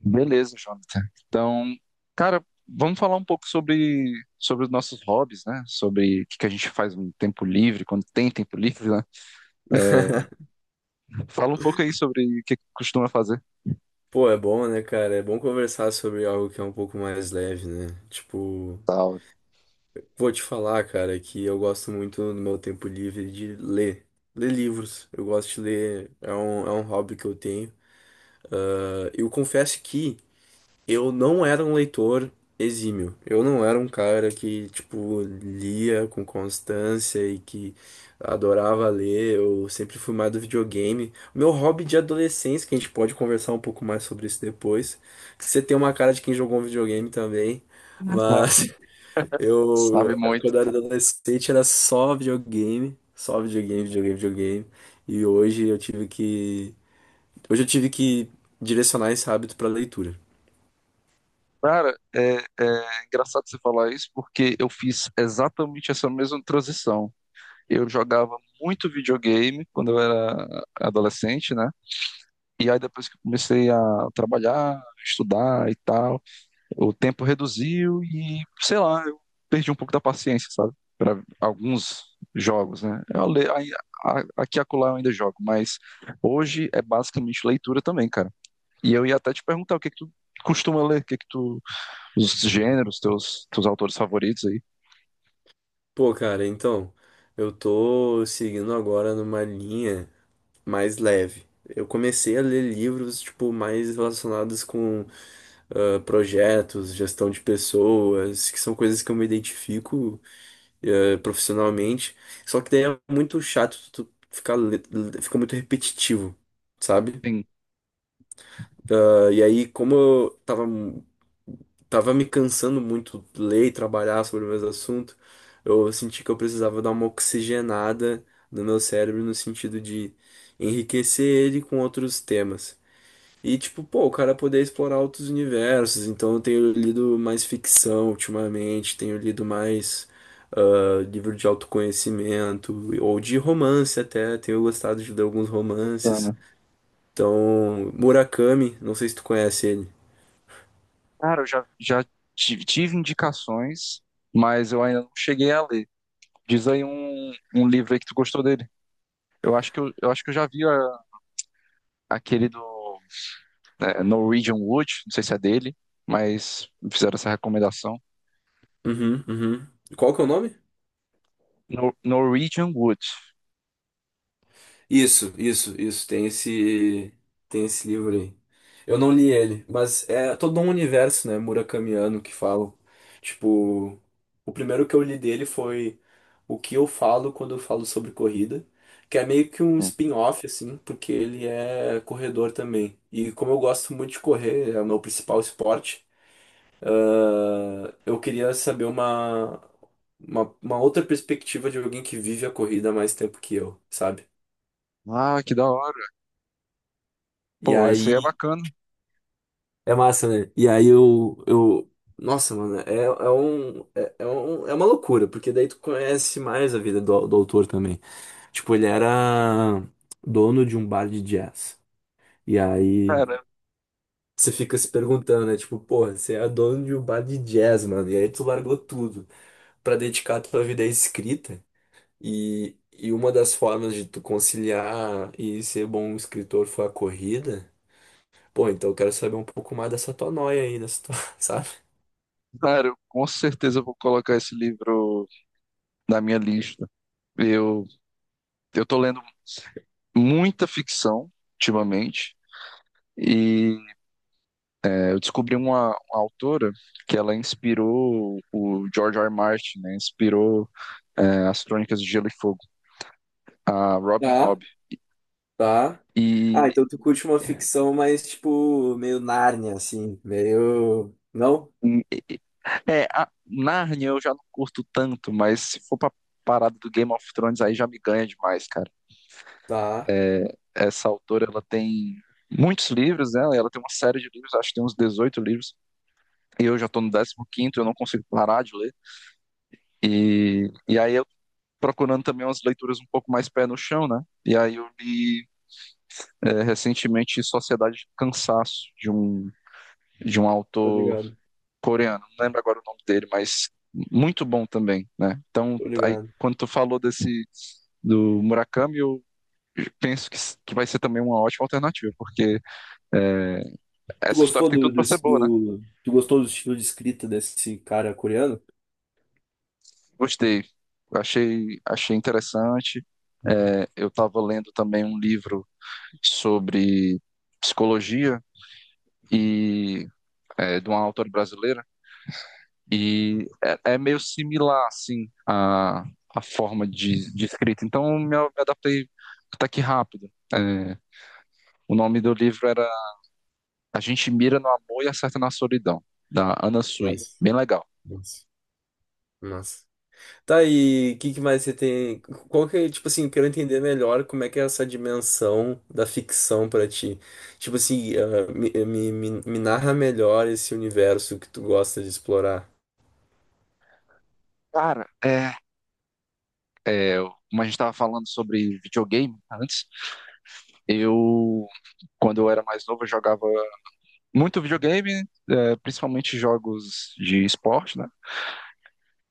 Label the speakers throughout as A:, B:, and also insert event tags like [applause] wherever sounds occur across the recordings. A: Beleza, Jonathan. Então, cara, vamos falar um pouco sobre os nossos hobbies, né? Sobre o que que a gente faz no tempo livre, quando tem tempo livre, né?
B: [laughs]
A: Fala um pouco aí sobre o que que costuma fazer.
B: Pô, é bom, né, cara? É bom conversar sobre algo que é um pouco mais leve, né? Tipo,
A: Salve.
B: vou te falar, cara, que eu gosto muito no meu tempo livre de ler. Ler livros. Eu gosto de ler, é um hobby que eu tenho. Eu confesso que eu não era um leitor exímio. Eu não era um cara que, tipo, lia com constância e que adorava ler. Eu sempre fui mais do videogame. Meu hobby de adolescência, que a gente pode conversar um pouco mais sobre isso depois. Que Você tem uma cara de quem jogou um videogame também.
A: Ah,
B: Mas [laughs] eu,
A: sabe muito.
B: quando eu era adolescente, era só videogame. Só videogame, videogame, videogame. E hoje eu tive que. Hoje eu tive que direcionar esse hábito pra leitura.
A: Cara, é engraçado você falar isso porque eu fiz exatamente essa mesma transição. Eu jogava muito videogame quando eu era adolescente, né? E aí depois que eu comecei a trabalhar, estudar e tal. O tempo reduziu e, sei lá, eu perdi um pouco da paciência, sabe? Para alguns jogos, né? Aí, aqui e acolá eu ainda jogo, mas hoje é basicamente leitura também, cara. E eu ia até te perguntar o que é que tu costuma ler, o que é que tu, os gêneros, teus autores favoritos aí.
B: Pô, cara, então, eu tô seguindo agora numa linha mais leve. Eu comecei a ler livros, tipo, mais relacionados com projetos, gestão de pessoas, que são coisas que eu me identifico profissionalmente. Só que daí é muito chato, tu ficar, fica muito repetitivo, sabe?
A: Sim.
B: Ah, e aí, como eu tava tava me cansando muito de ler e trabalhar sobre o mesmo assunto. Eu senti que eu precisava dar uma oxigenada no meu cérebro no sentido de enriquecer ele com outros temas. E tipo, pô, o cara poder explorar outros universos. Então eu tenho lido mais ficção ultimamente, tenho lido mais livro de autoconhecimento ou de romance até. Tenho gostado de ler alguns romances.
A: Ana.
B: Então, Murakami, não sei se tu conhece ele.
A: Cara, eu já tive indicações, mas eu ainda não cheguei a ler. Diz aí um livro aí que tu gostou dele. Eu acho que eu já vi aquele do Norwegian Wood, não sei se é dele, mas me fizeram essa recomendação.
B: Uhum, uhum. Qual que é o nome?
A: Norwegian Wood.
B: Isso, isso, isso. Tem esse livro aí. Eu não li ele, mas é todo um universo, né, murakamiano que falam. Tipo, o primeiro que eu li dele foi O que eu falo quando eu falo sobre corrida, que é meio que um spin-off, assim, porque ele é corredor também. E como eu gosto muito de correr, é o meu principal esporte, eu queria saber uma outra perspectiva de alguém que vive a corrida há mais tempo que eu, sabe?
A: Ah, que da hora.
B: E
A: Pô, esse aí é
B: aí
A: bacana.
B: é massa, né? Nossa, mano, é um... É uma loucura, porque daí tu conhece mais a vida do autor também. Tipo, ele era dono de um bar de jazz. E aí
A: Cara,
B: você fica se perguntando, né? Tipo, porra, você é dono de um bar de jazz, mano. E aí tu largou tudo pra dedicar a tua vida à escrita. E uma das formas de tu conciliar e ser bom escritor foi a corrida. Pô, então eu quero saber um pouco mais dessa tua noia aí, dessa tua, [laughs] sabe?
A: cara, eu com certeza vou colocar esse livro na minha lista. Eu, eu tô lendo muita ficção ultimamente e eu descobri uma autora que ela inspirou o George R. R. Martin, né? Inspirou as Crônicas de Gelo e Fogo, a Robin
B: Tá,
A: Hobb.
B: tá. Ah,
A: E
B: então tu curte uma ficção mais, tipo, meio Nárnia, assim, meio... Não?
A: É, a Narnia eu já não curto tanto, mas se for pra parada do Game of Thrones, aí já me ganha demais, cara.
B: Tá,
A: Essa autora, ela tem muitos livros, né? Ela tem uma série de livros, acho que tem uns 18 livros, e eu já tô no 15º, eu não consigo parar de ler. E aí eu procurando também umas leituras um pouco mais pé no chão, né? E aí eu li recentemente Sociedade de Cansaço, de um
B: tô
A: autor
B: ligado,
A: coreano, não lembro agora o nome dele, mas muito bom também, né? Então,
B: tô
A: aí,
B: ligado.
A: quando tu falou desse do Murakami, eu penso que vai ser também uma ótima alternativa, porque é,
B: Tu
A: essa história
B: gostou
A: tem tudo para ser boa, né?
B: tu gostou do estilo de escrita desse cara coreano?
A: Gostei, achei interessante. Eu estava lendo também um livro sobre psicologia e de uma autora brasileira, e é meio similar, assim, a forma de escrita. Então, eu me adaptei até que rápido. O nome do livro era A gente mira no amor e acerta na solidão, da Ana Sui.
B: Nossa,
A: Bem legal.
B: nossa, nossa. Tá, e o que, que mais você tem? Qual que é, tipo assim, eu quero entender melhor como é que é essa dimensão da ficção pra ti. Tipo assim, ah, me narra melhor esse universo que tu gosta de explorar.
A: Cara, é, como a gente estava falando sobre videogame antes, eu, quando eu era mais novo, eu jogava muito videogame, principalmente jogos de esporte, né?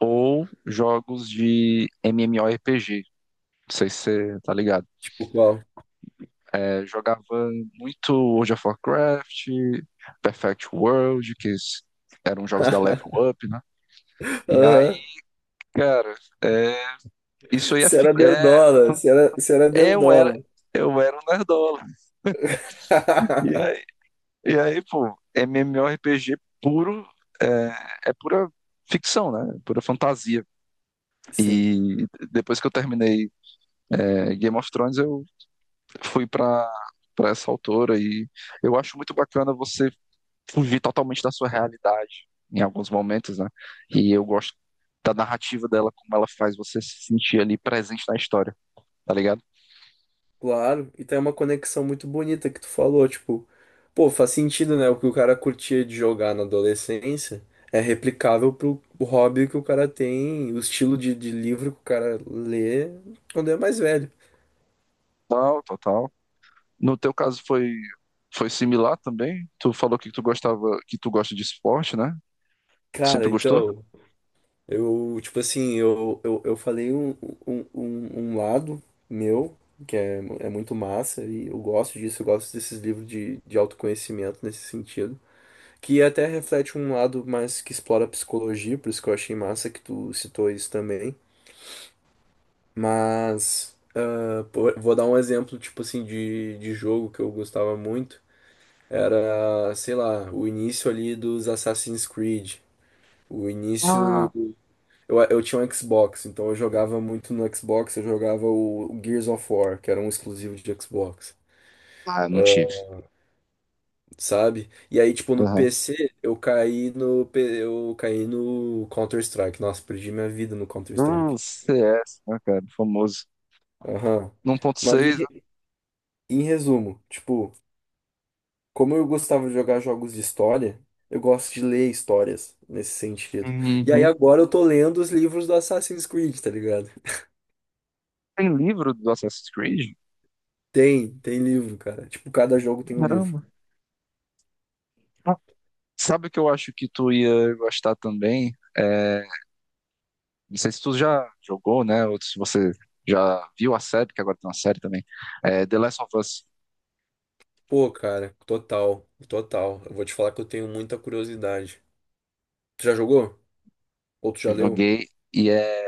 A: Ou jogos de MMORPG. Não sei se você tá ligado.
B: Tipo qual?
A: Jogava muito World of Warcraft, Perfect World, que eram jogos da Level
B: [laughs]
A: Up, né? E aí,
B: Aham.
A: cara, é, isso aí é,
B: Você
A: fi-
B: era
A: é-
B: nerdola, você era
A: eu era,
B: nerdola.
A: eu era um nerdola. E aí,
B: [laughs]
A: e aí, pô, MMORPG puro, é pura ficção, né? É pura fantasia.
B: Sim,
A: E depois que eu terminei Game of Thrones, eu fui pra para essa autora e eu acho muito bacana você fugir totalmente da sua realidade em alguns momentos, né? E eu gosto da narrativa dela, como ela faz você se sentir ali presente na história, tá ligado?
B: claro. E tem uma conexão muito bonita que tu falou, tipo, pô, faz sentido, né? O que o cara curtia de jogar na adolescência é replicável pro hobby que o cara tem, o estilo de livro que o cara lê quando é mais velho.
A: Total, total. No teu caso foi similar também? Tu falou que tu gostava, que tu gosta de esporte, né? Tu
B: Cara,
A: sempre gostou?
B: então, eu, tipo assim, eu falei um lado meu, que é, é muito massa, e eu gosto disso, eu gosto desses livros de autoconhecimento nesse sentido, que até reflete um lado mais que explora a psicologia, por isso que eu achei massa que tu citou isso também. Mas, ah, pô, vou dar um exemplo, tipo assim, de jogo que eu gostava muito. Era, sei lá, o início ali dos Assassin's Creed. O início
A: Ah,
B: Eu tinha um Xbox, então eu jogava muito no Xbox, eu jogava o Gears of War, que era um exclusivo de Xbox,
A: ah, eu
B: ah,
A: não tive.
B: sabe? E aí, tipo, no
A: Aham.
B: PC, eu caí no Counter-Strike. Nossa, perdi minha vida no
A: O
B: Counter-Strike.
A: CS, né, cara? Famoso.
B: Aham. Mas em,
A: 1.6. né?
B: re- em resumo, tipo, como eu gostava de jogar jogos de história, eu gosto de ler histórias nesse sentido. E aí
A: Uhum.
B: agora eu tô lendo os livros do Assassin's Creed, tá ligado?
A: Tem livro do Assassin's Creed?
B: Tem livro, cara. Tipo, cada jogo tem um livro.
A: Caramba. Ah, sabe o que eu acho que tu ia gostar também? É, não sei se tu já jogou, né? Ou se você já viu a série, que agora tem uma série também. The Last of Us.
B: Pô, cara, total, total. Eu vou te falar que eu tenho muita curiosidade. Tu já jogou? Ou tu já leu?
A: Joguei e é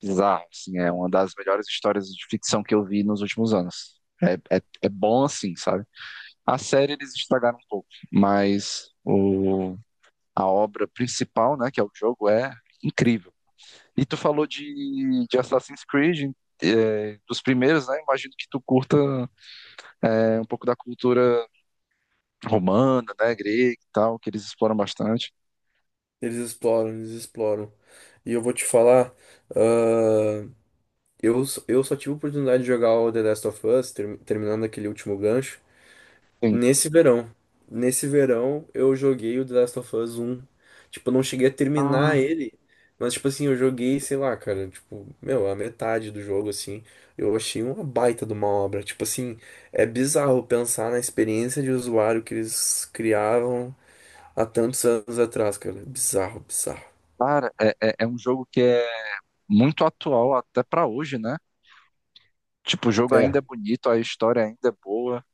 A: bizarro, assim. É uma das melhores histórias de ficção que eu vi nos últimos anos. É bom assim, sabe? A série eles estragaram um pouco, mas o a obra principal, né, que é o jogo, é incrível. E tu falou de Assassin's Creed, dos primeiros, né? Imagino que tu curta um pouco da cultura romana, né, grega e tal, que eles exploram bastante.
B: Eles exploram, eles exploram. E eu vou te falar, ah, eu só tive a oportunidade de jogar o The Last of Us, terminando aquele último gancho.
A: Sim.
B: Nesse verão. Nesse verão eu joguei o The Last of Us um, tipo, eu não cheguei a terminar
A: Ah,
B: ele, mas tipo assim, eu joguei, sei lá, cara, tipo, meu, a metade do jogo assim. Eu achei uma baita de uma obra. Tipo assim, é bizarro pensar na experiência de usuário que eles criavam há tantos anos atrás, cara. Bizarro, bizarro.
A: cara, é um jogo que é muito atual até pra hoje, né? Tipo, o jogo
B: É,
A: ainda é bonito, a história ainda é boa.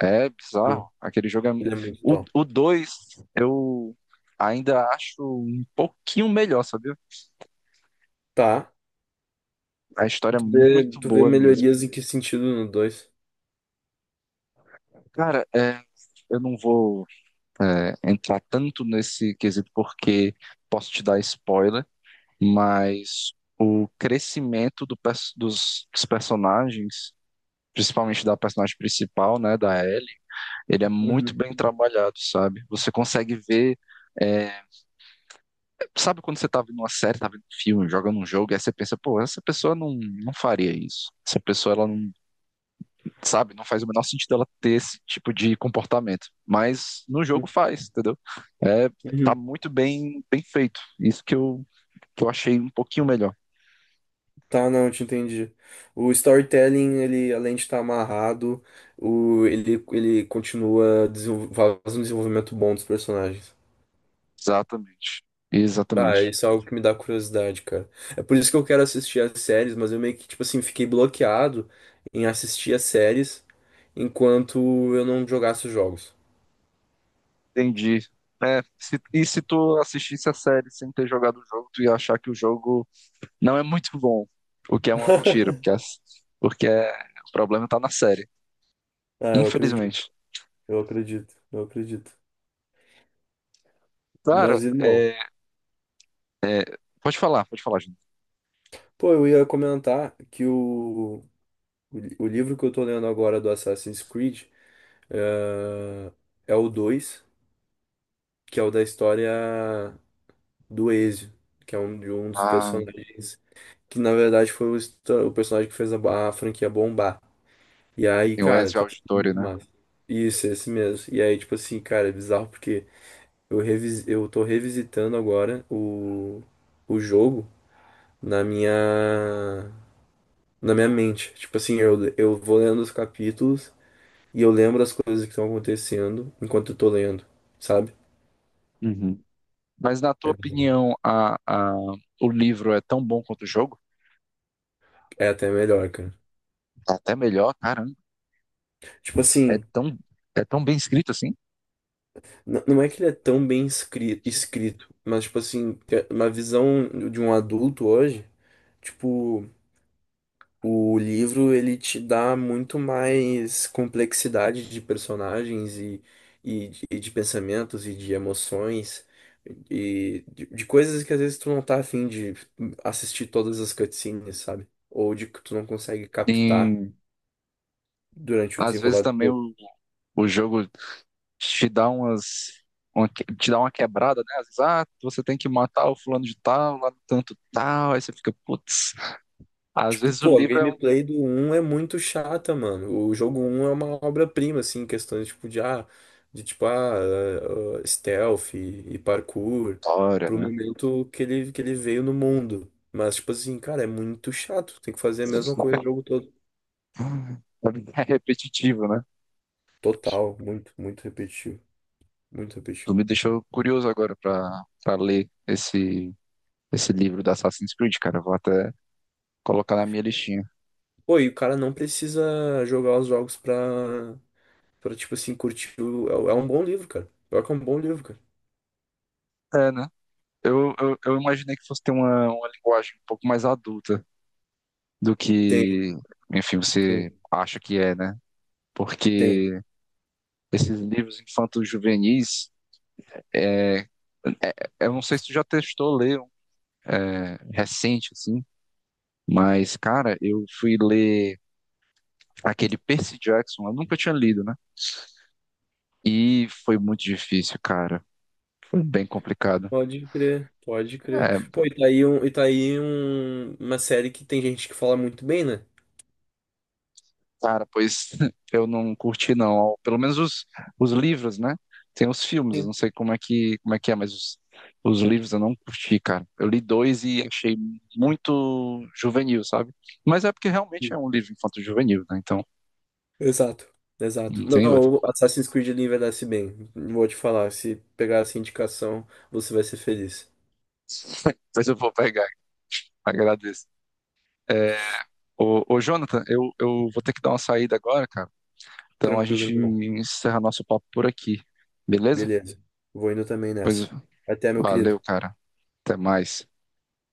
A: É
B: não,
A: bizarro. Aquele jogo é.
B: ele é muito top.
A: O 2 eu ainda acho um pouquinho melhor, sabe?
B: Tá.
A: A história é muito
B: Tu vê
A: boa mesmo.
B: melhorias em que sentido no 2?
A: Cara, eu não vou entrar tanto nesse quesito porque posso te dar spoiler, mas o crescimento dos personagens, principalmente da personagem principal, né, da Ellie, ele é muito bem trabalhado, sabe? Você consegue ver. é, sabe quando você tá vendo uma série, tá vendo um filme, jogando um jogo, e aí você pensa, pô, essa pessoa não, não faria isso. Essa pessoa, ela não sabe? Não faz o menor sentido ela ter esse tipo de comportamento. Mas no jogo
B: Uhum,
A: faz, entendeu? É, tá
B: uhum.
A: muito bem, bem feito. Isso que que eu achei um pouquinho melhor.
B: Tá, não, eu te entendi. O storytelling, ele, além de estar amarrado, ele continua faz um desenvolvimento bom dos personagens.
A: Exatamente.
B: Ah,
A: Exatamente.
B: isso é algo que me dá curiosidade, cara. É por isso que eu quero assistir as séries, mas eu meio que, tipo assim, fiquei bloqueado em assistir as séries enquanto eu não jogasse os jogos.
A: Entendi. E se tu assistisse a série sem ter jogado o jogo, tu ia achar que o jogo não é muito bom. O que é uma mentira,
B: [laughs]
A: porque, porque é- o problema tá na série.
B: Ah,
A: Infelizmente.
B: eu acredito.
A: Cara,
B: Mas, irmão,
A: pode falar, gente.
B: pô, eu ia comentar que o livro que eu tô lendo agora do Assassin's Creed. Ah, é o 2 que é o da história do Ezio, que é um, de um dos
A: Ah,
B: personagens que na verdade foi o personagem que fez a, a franquia bombar. E aí,
A: tem o
B: cara,
A: Ezio
B: tá sendo
A: Auditore,
B: muito
A: né?
B: massa. Isso, esse mesmo. E aí, tipo assim, cara, é bizarro porque eu tô revisitando agora o jogo na minha, na minha mente. Tipo assim, eu vou lendo os capítulos e eu lembro as coisas que estão acontecendo enquanto eu tô lendo, sabe?
A: Uhum. Mas na tua
B: É bizarro.
A: opinião, o livro é tão bom quanto o jogo?
B: É até melhor, cara.
A: É até melhor, caramba.
B: Tipo
A: É
B: assim,
A: tão, é tão bem escrito assim.
B: não é que ele é tão escrito, mas tipo assim, é uma visão de um adulto hoje, tipo, o livro ele te dá muito mais complexidade de personagens e de pensamentos e de emoções de coisas que às vezes tu não tá afim de assistir todas as cutscenes, sabe? Ou de que tu não consegue captar
A: E
B: durante o
A: às vezes
B: desenrolar.
A: também o jogo te dá te dá uma quebrada, né? Às vezes, você tem que matar o fulano de tal, lá no tanto tal, aí você fica, putz. Às
B: Tipo,
A: vezes o
B: pô, a
A: livro é uma
B: gameplay do um é muito chata, mano. O jogo um é uma obra-prima, assim, em questões, tipo, de, ah, de, tipo, stealth e parkour,
A: história,
B: pro
A: né?
B: momento que ele veio no mundo. Mas, tipo assim, cara, é muito chato. Tem que fazer a mesma coisa o jogo todo.
A: É repetitivo, né?
B: Total, muito, muito repetitivo. Muito
A: Tu
B: repetitivo.
A: me deixou curioso agora pra ler esse livro da Assassin's Creed, cara. Eu vou até colocar na minha listinha.
B: Pô, e o cara não precisa jogar os jogos pra tipo assim, curtir o... é um bom livro, cara. Pior que é um bom livro, cara.
A: É, né? Eu imaginei que fosse ter uma linguagem um pouco mais adulta do
B: Tem,
A: que, enfim,
B: tem,
A: você acha que é, né?
B: tem.
A: Porque esses livros infantos juvenis, é, eu não sei se tu já testou ler um recente, assim, mas, cara, eu fui ler aquele Percy Jackson, eu nunca tinha lido, né? E foi muito difícil, cara. Foi bem complicado.
B: Pode crer, pode crer.
A: É,
B: Pô, e tá aí uma série que tem gente que fala muito bem, né?
A: cara, pois [laughs] eu não curti não. Pelo menos os livros, né? Tem os filmes, eu
B: Sim.
A: não sei como é que é, mas os livros eu não curti, cara. Eu li dois e achei muito juvenil, sabe? Mas é porque realmente é um livro infanto-juvenil, né? Então,
B: Exato,
A: não
B: exato.
A: tem outra.
B: Não, o Assassin's Creed ele envelhece bem. Vou te falar, se pegar essa indicação, você vai ser feliz.
A: [laughs] mas eu vou pegar, agradeço. É, ô, ô, Jonathan, eu vou ter que dar uma saída agora, cara. Então a
B: Tranquilo,
A: gente
B: irmão.
A: encerra nosso papo por aqui, beleza?
B: Beleza. Vou indo também
A: Pois
B: nessa. Até, meu querido.
A: valeu, cara. Até mais.